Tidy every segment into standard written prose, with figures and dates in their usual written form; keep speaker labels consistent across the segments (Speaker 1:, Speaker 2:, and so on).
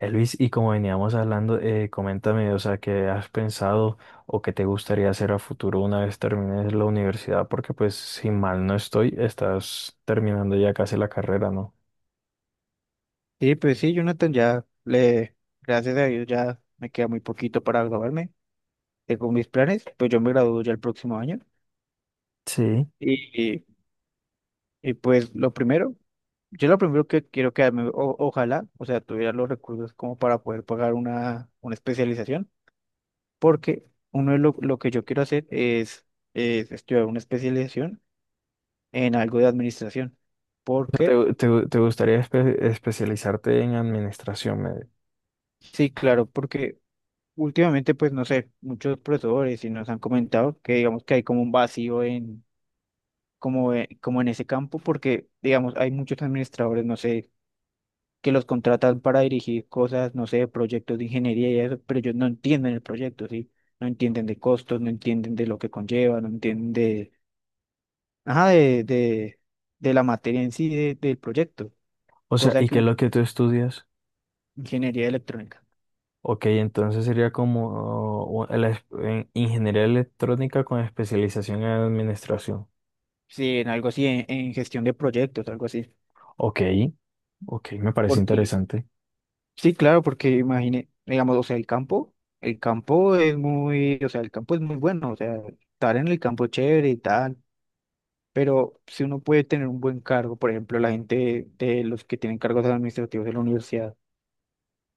Speaker 1: Luis, y como veníamos hablando, coméntame, o sea, qué has pensado o qué te gustaría hacer a futuro una vez termines la universidad, porque pues si mal no estoy, estás terminando ya casi la carrera, ¿no?
Speaker 2: Sí, pues sí, Jonathan, gracias a Dios, ya me queda muy poquito para graduarme. Tengo mis planes, pues yo me gradúo ya el próximo año.
Speaker 1: Sí.
Speaker 2: Y, y, pues lo primero, yo lo primero que quiero quedarme, ojalá, o sea, tuviera los recursos como para poder pagar una especialización, porque lo que yo quiero hacer es estudiar una especialización en algo de administración.
Speaker 1: O
Speaker 2: ¿Por qué?
Speaker 1: sea, te gustaría especializarte en administración,
Speaker 2: Sí, claro, porque últimamente, pues no sé, muchos profesores sí nos han comentado que digamos que hay como un vacío en, como, como en ese campo, porque digamos hay muchos administradores, no sé, que los contratan para dirigir cosas, no sé, proyectos de ingeniería y eso, pero ellos no entienden el proyecto, ¿sí? No entienden de costos, no entienden de lo que conlleva, no entienden de, ajá, de la materia en sí del proyecto,
Speaker 1: O sea,
Speaker 2: cosa
Speaker 1: ¿y
Speaker 2: que
Speaker 1: qué es lo que tú estudias?
Speaker 2: ingeniería electrónica,
Speaker 1: Ok, entonces sería como en ingeniería electrónica con especialización en administración.
Speaker 2: sí, en algo así, en gestión de proyectos, algo así.
Speaker 1: Ok, ok, me parece
Speaker 2: Porque
Speaker 1: interesante.
Speaker 2: sí, claro, porque imagine, digamos, o sea, el campo es muy, o sea, el campo es muy bueno, o sea, estar en el campo es chévere y tal, pero si uno puede tener un buen cargo, por ejemplo, la gente de los que tienen cargos administrativos de la universidad,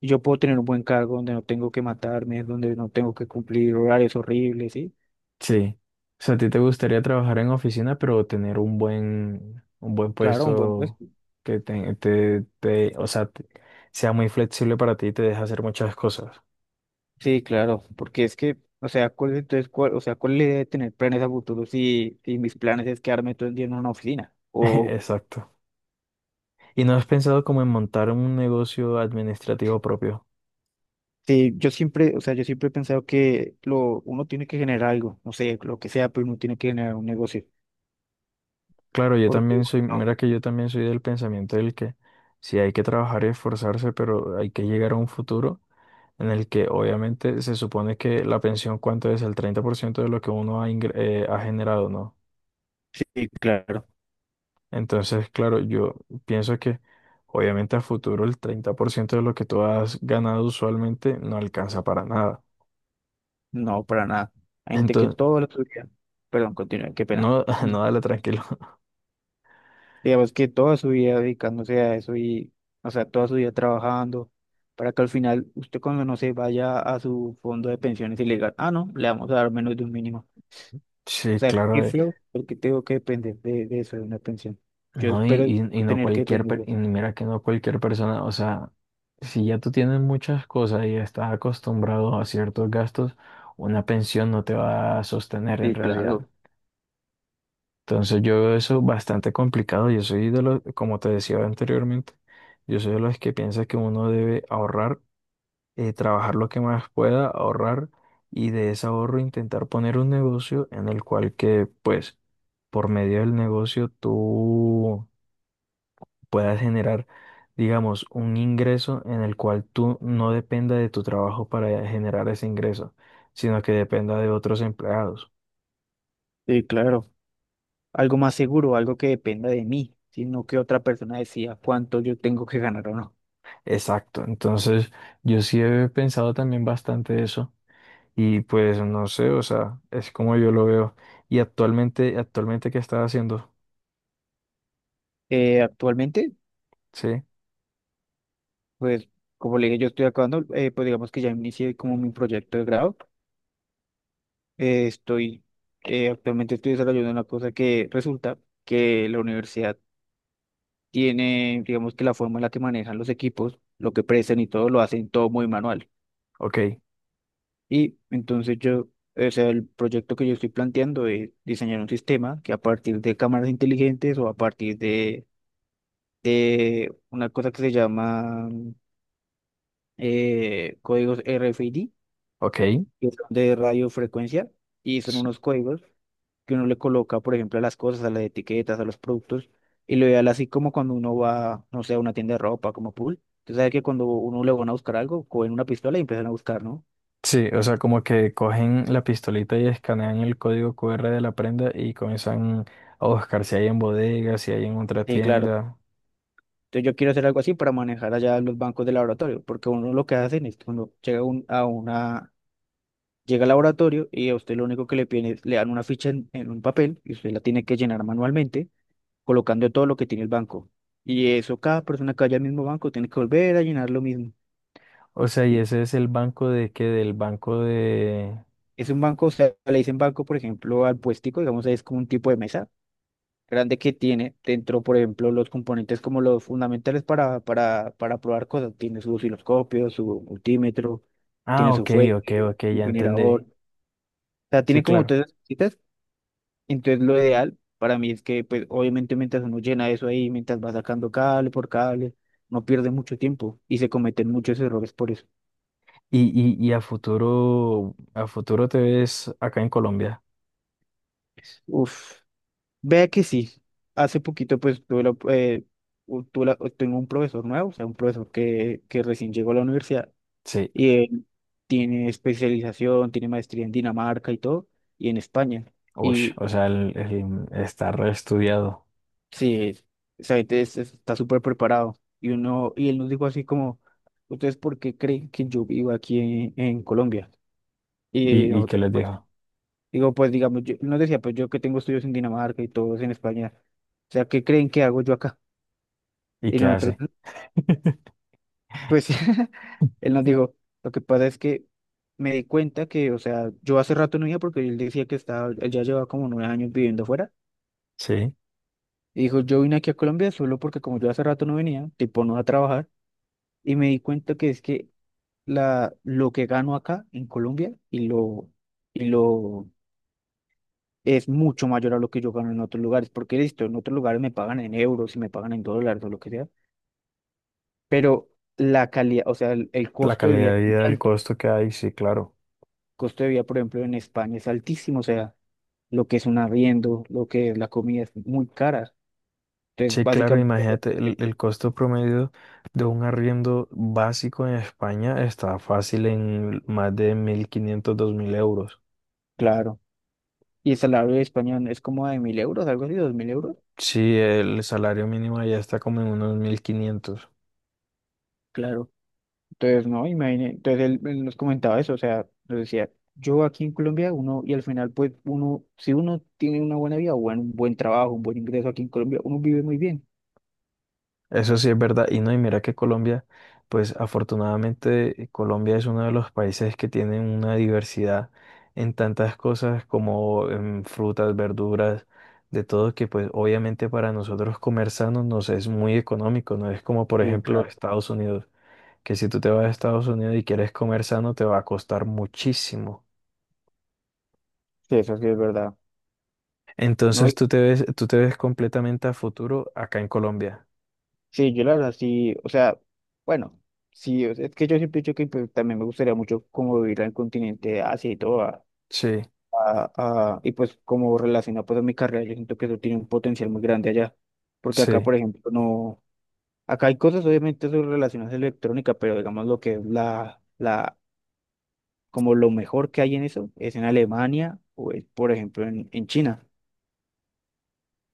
Speaker 2: y yo puedo tener un buen cargo donde no tengo que matarme, donde no tengo que cumplir horarios horribles, ¿sí?
Speaker 1: Sí. O sea, a ti te gustaría trabajar en oficina, pero tener un buen
Speaker 2: Claro, un buen
Speaker 1: puesto
Speaker 2: puesto.
Speaker 1: que o sea, sea muy flexible para ti y te deje hacer muchas cosas.
Speaker 2: Sí, claro, porque es que, o sea, ¿cuál es la idea de tener planes a futuro si, si mis planes es quedarme todo el día en una oficina? O
Speaker 1: Exacto. ¿Y no has pensado como en montar un negocio administrativo propio?
Speaker 2: sí, yo siempre, o sea, yo siempre he pensado que lo, uno tiene que generar algo, no sé, lo que sea, pero uno tiene que generar un negocio.
Speaker 1: Claro, yo
Speaker 2: Porque,
Speaker 1: también soy,
Speaker 2: no,
Speaker 1: mira que yo también soy del pensamiento del que sí hay que trabajar y esforzarse, pero hay que llegar a un futuro en el que obviamente se supone que la pensión cuánto es el 30% de lo que uno ha generado, ¿no?
Speaker 2: sí, claro,
Speaker 1: Entonces, claro, yo pienso que obviamente a futuro el 30% de lo que tú has ganado usualmente no alcanza para nada.
Speaker 2: no, para nada. Hay gente que
Speaker 1: Entonces,
Speaker 2: toda la su vida, perdón, continúe, qué pena.
Speaker 1: no, no,
Speaker 2: Sí.
Speaker 1: dale tranquilo.
Speaker 2: Digamos que toda su vida dedicándose a eso y, o sea, toda su vida trabajando, para que al final usted cuando no se vaya a su fondo de pensiones y le digan, ah, no, le vamos a dar menos de un mínimo. O
Speaker 1: Sí,
Speaker 2: sea, qué
Speaker 1: claro,
Speaker 2: feo, porque tengo que depender de eso, de una pensión. Yo
Speaker 1: no, y,
Speaker 2: espero
Speaker 1: y no
Speaker 2: tener que depender de
Speaker 1: y
Speaker 2: eso.
Speaker 1: mira que no cualquier persona, o sea, si ya tú tienes muchas cosas y estás acostumbrado a ciertos gastos, una pensión no te va a sostener en
Speaker 2: Sí,
Speaker 1: realidad.
Speaker 2: claro.
Speaker 1: Entonces yo veo eso bastante complicado. Yo soy de los, como te decía anteriormente, yo soy de los que piensa que uno debe ahorrar, trabajar lo que más pueda, ahorrar y de ese ahorro intentar poner un negocio en el cual que, pues, por medio del negocio tú puedas generar, digamos, un ingreso en el cual tú no dependa de tu trabajo para generar ese ingreso, sino que dependa de otros empleados.
Speaker 2: Sí, claro. Algo más seguro, algo que dependa de mí, sino que otra persona decida cuánto yo tengo que ganar o no.
Speaker 1: Exacto, entonces yo sí he pensado también bastante eso y pues no sé, o sea, es como yo lo veo. Y actualmente, actualmente ¿qué estás haciendo?
Speaker 2: Actualmente,
Speaker 1: Sí,
Speaker 2: pues, como le dije, yo estoy acabando, pues digamos que ya inicié como mi proyecto de grado. Eh, estoy, actualmente estoy desarrollando una cosa que resulta que la universidad tiene, digamos que la forma en la que manejan los equipos, lo que prestan y todo, lo hacen todo muy manual.
Speaker 1: ok,
Speaker 2: Y entonces yo, o sea, el proyecto que yo estoy planteando es diseñar un sistema que a partir de cámaras inteligentes o a partir de una cosa que se llama códigos RFID,
Speaker 1: ok.
Speaker 2: que son de radiofrecuencia, y son
Speaker 1: s-
Speaker 2: unos códigos que uno le coloca, por ejemplo, a las cosas, a las etiquetas, a los productos, y lo ideal así como cuando uno va, no sé, a una tienda de ropa, como pool. Tú sabes que cuando uno le van a buscar algo, cogen una pistola y empiezan a buscar, ¿no?
Speaker 1: Sí, o sea, como que cogen la pistolita y escanean el código QR de la prenda y comienzan a buscar si hay en bodegas, si hay en otra
Speaker 2: Sí, claro.
Speaker 1: tienda.
Speaker 2: Entonces yo quiero hacer algo así para manejar allá los bancos de laboratorio, porque uno lo que hacen es que uno llega a una, llega al laboratorio y a usted lo único que le piden es, le dan una ficha en un papel y usted la tiene que llenar manualmente, colocando todo lo que tiene el banco. Y eso cada persona que vaya al mismo banco tiene que volver a llenar lo mismo.
Speaker 1: O sea, y
Speaker 2: Y
Speaker 1: ese es el banco de qué, del banco de...
Speaker 2: es un banco, o sea, le dicen banco, por ejemplo, al puestico, digamos, es como un tipo de mesa grande que tiene dentro, por ejemplo, los componentes como los fundamentales para probar cosas. Tiene su osciloscopio, su multímetro,
Speaker 1: Ah,
Speaker 2: tiene su
Speaker 1: ok, ok,
Speaker 2: fuente,
Speaker 1: ok,
Speaker 2: su
Speaker 1: ya entendí.
Speaker 2: generador. O sea,
Speaker 1: Sí,
Speaker 2: tiene como
Speaker 1: claro.
Speaker 2: todas esas cositas. Entonces, lo ideal para mí es que, pues, obviamente, mientras uno llena eso ahí, mientras va sacando cable por cable, no pierde mucho tiempo y se cometen muchos errores por eso.
Speaker 1: Y a futuro te ves acá en Colombia.
Speaker 2: Uf, vea que sí. Hace poquito, pues, tuve la, u- tuve la- tengo un profesor nuevo, o sea, un profesor que recién llegó a la universidad.
Speaker 1: Sí,
Speaker 2: Y él tiene especialización, tiene maestría en Dinamarca y todo, y en España.
Speaker 1: uy,
Speaker 2: Y
Speaker 1: o sea, el, está reestudiado.
Speaker 2: sí, esa gente está súper preparado. Y uno, y él nos dijo así como, ¿ustedes por qué creen que yo vivo aquí en Colombia? Y
Speaker 1: Y qué
Speaker 2: nosotros,
Speaker 1: les
Speaker 2: pues,
Speaker 1: dijo?
Speaker 2: digo, pues digamos, yo, él nos decía, pues yo que tengo estudios en Dinamarca y todos en España. O sea, ¿qué creen que hago yo acá?
Speaker 1: ¿Y
Speaker 2: Y
Speaker 1: qué
Speaker 2: nosotros,
Speaker 1: hace?
Speaker 2: pues él nos dijo, lo que pasa es que me di cuenta que, o sea, yo hace rato no iba porque él decía que estaba, él ya llevaba como 9 años viviendo afuera.
Speaker 1: Sí,
Speaker 2: Y dijo, yo vine aquí a Colombia solo porque como yo hace rato no venía, tipo no a trabajar, y me di cuenta que es que la, lo que gano acá en Colombia y lo es mucho mayor a lo que yo gano en otros lugares, porque listo, en otros lugares me pagan en euros y me pagan en dólares o lo que sea, pero la calidad, o sea, el
Speaker 1: la
Speaker 2: costo de vida
Speaker 1: calidad
Speaker 2: es
Speaker 1: de
Speaker 2: muy
Speaker 1: vida, el
Speaker 2: alto.
Speaker 1: costo que hay, sí, claro.
Speaker 2: Costo de vida, por ejemplo, en España es altísimo, o sea, lo que es un arriendo, lo que es la comida es muy cara. Entonces,
Speaker 1: Sí, claro,
Speaker 2: básicamente,
Speaker 1: imagínate,
Speaker 2: eh,
Speaker 1: el costo promedio de un arriendo básico en España está fácil en más de 1500 2000 euros.
Speaker 2: claro. Y el salario de España es como de 1.000 euros, algo así, 2.000 euros.
Speaker 1: Sí, el salario mínimo ya está como en unos 1500.
Speaker 2: Claro. Entonces, no, imagínate. Entonces, él nos comentaba eso, o sea, nos decía, yo aquí en Colombia, uno, y al final, pues, uno, si uno tiene una buena vida, bueno, un buen trabajo, un buen ingreso aquí en Colombia, uno vive muy bien.
Speaker 1: Eso sí es verdad. Y no, y mira que Colombia, pues afortunadamente Colombia es uno de los países que tienen una diversidad en tantas cosas como en frutas, verduras, de todo, que pues obviamente para nosotros comer sano nos es muy económico, no es como por
Speaker 2: Sí,
Speaker 1: ejemplo
Speaker 2: claro.
Speaker 1: Estados Unidos, que si tú te vas a Estados Unidos y quieres comer sano te va a costar muchísimo.
Speaker 2: Sí, eso sí es verdad. No,
Speaker 1: Entonces tú te ves completamente a futuro acá en Colombia.
Speaker 2: sí, yo la verdad sí, o sea, bueno, sí, o sea, es que yo siempre he dicho que pues, también me gustaría mucho como vivir al continente de Asia y todo,
Speaker 1: Sí,
Speaker 2: y pues como relacionado pues a mi carrera, yo siento que eso tiene un potencial muy grande allá, porque acá,
Speaker 1: sí.
Speaker 2: por ejemplo, no, acá hay cosas obviamente sobre relaciones electrónicas, pero digamos lo que es como lo mejor que hay en eso es en Alemania o es, por ejemplo, en China.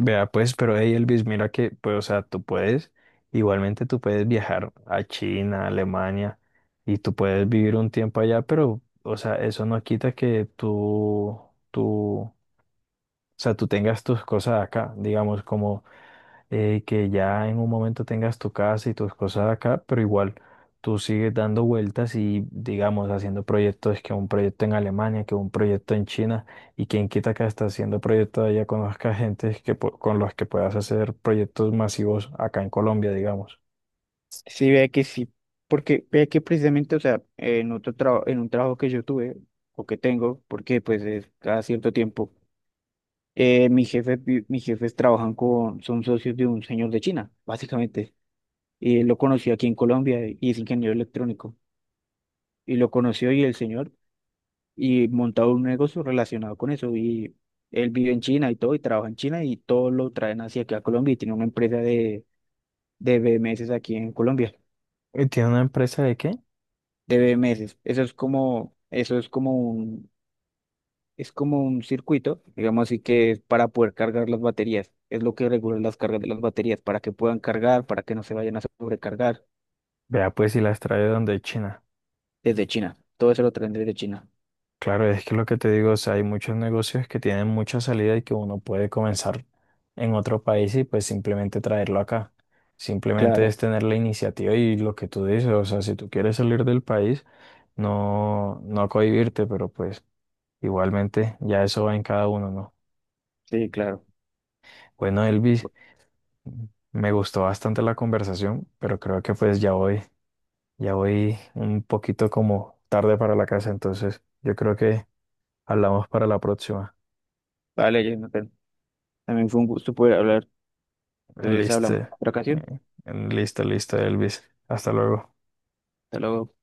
Speaker 1: Vea, pues, pero hey Elvis, mira que, pues, o sea, tú puedes, igualmente tú puedes viajar a China, a Alemania, y tú puedes vivir un tiempo allá, pero, o sea, eso no quita que tú, o sea, tú tengas tus cosas acá, digamos, como que ya en un momento tengas tu casa y tus cosas acá, pero igual tú sigues dando vueltas y, digamos, haciendo proyectos, que un proyecto en Alemania, que un proyecto en China, y quien quita que hasta haciendo proyectos allá conozca gente que, con los que puedas hacer proyectos masivos acá en Colombia, digamos.
Speaker 2: Sí, vea que sí, porque vea que precisamente, o sea, en otro trabajo, en un trabajo que yo tuve o que tengo, porque pues es cada cierto tiempo, mis jefes trabajan con, son socios de un señor de China, básicamente, y él lo conoció aquí en Colombia, y es ingeniero electrónico, y lo conoció y el señor, y montado un negocio relacionado con eso, y él vive en China y todo, y trabaja en China y todo lo traen hacia aquí a Colombia y tiene una empresa de BMS aquí en Colombia.
Speaker 1: ¿Y tiene una empresa de qué?
Speaker 2: De meses. Eso es como un circuito, digamos así que es para poder cargar las baterías. Es lo que regula las cargas de las baterías, para que puedan cargar, para que no se vayan a sobrecargar
Speaker 1: Vea, pues si las trae donde China.
Speaker 2: desde China. Todo eso lo traen desde China.
Speaker 1: Claro, es que lo que te digo, o sea, hay muchos negocios que tienen mucha salida y que uno puede comenzar en otro país y pues simplemente traerlo acá. Simplemente
Speaker 2: Claro,
Speaker 1: es tener la iniciativa y lo que tú dices, o sea, si tú quieres salir del país, no, no cohibirte, pero pues igualmente ya eso va en cada uno, ¿no?
Speaker 2: sí, claro.
Speaker 1: Bueno, Elvis, me gustó bastante la conversación, pero creo que pues ya voy un poquito como tarde para la casa, entonces yo creo que hablamos para la próxima.
Speaker 2: Vale, Jonathan. También fue un gusto poder hablar. Entonces
Speaker 1: Listo.
Speaker 2: hablamos en otra ocasión.
Speaker 1: Listo, listo, Elvis. Hasta luego.
Speaker 2: Hasta luego.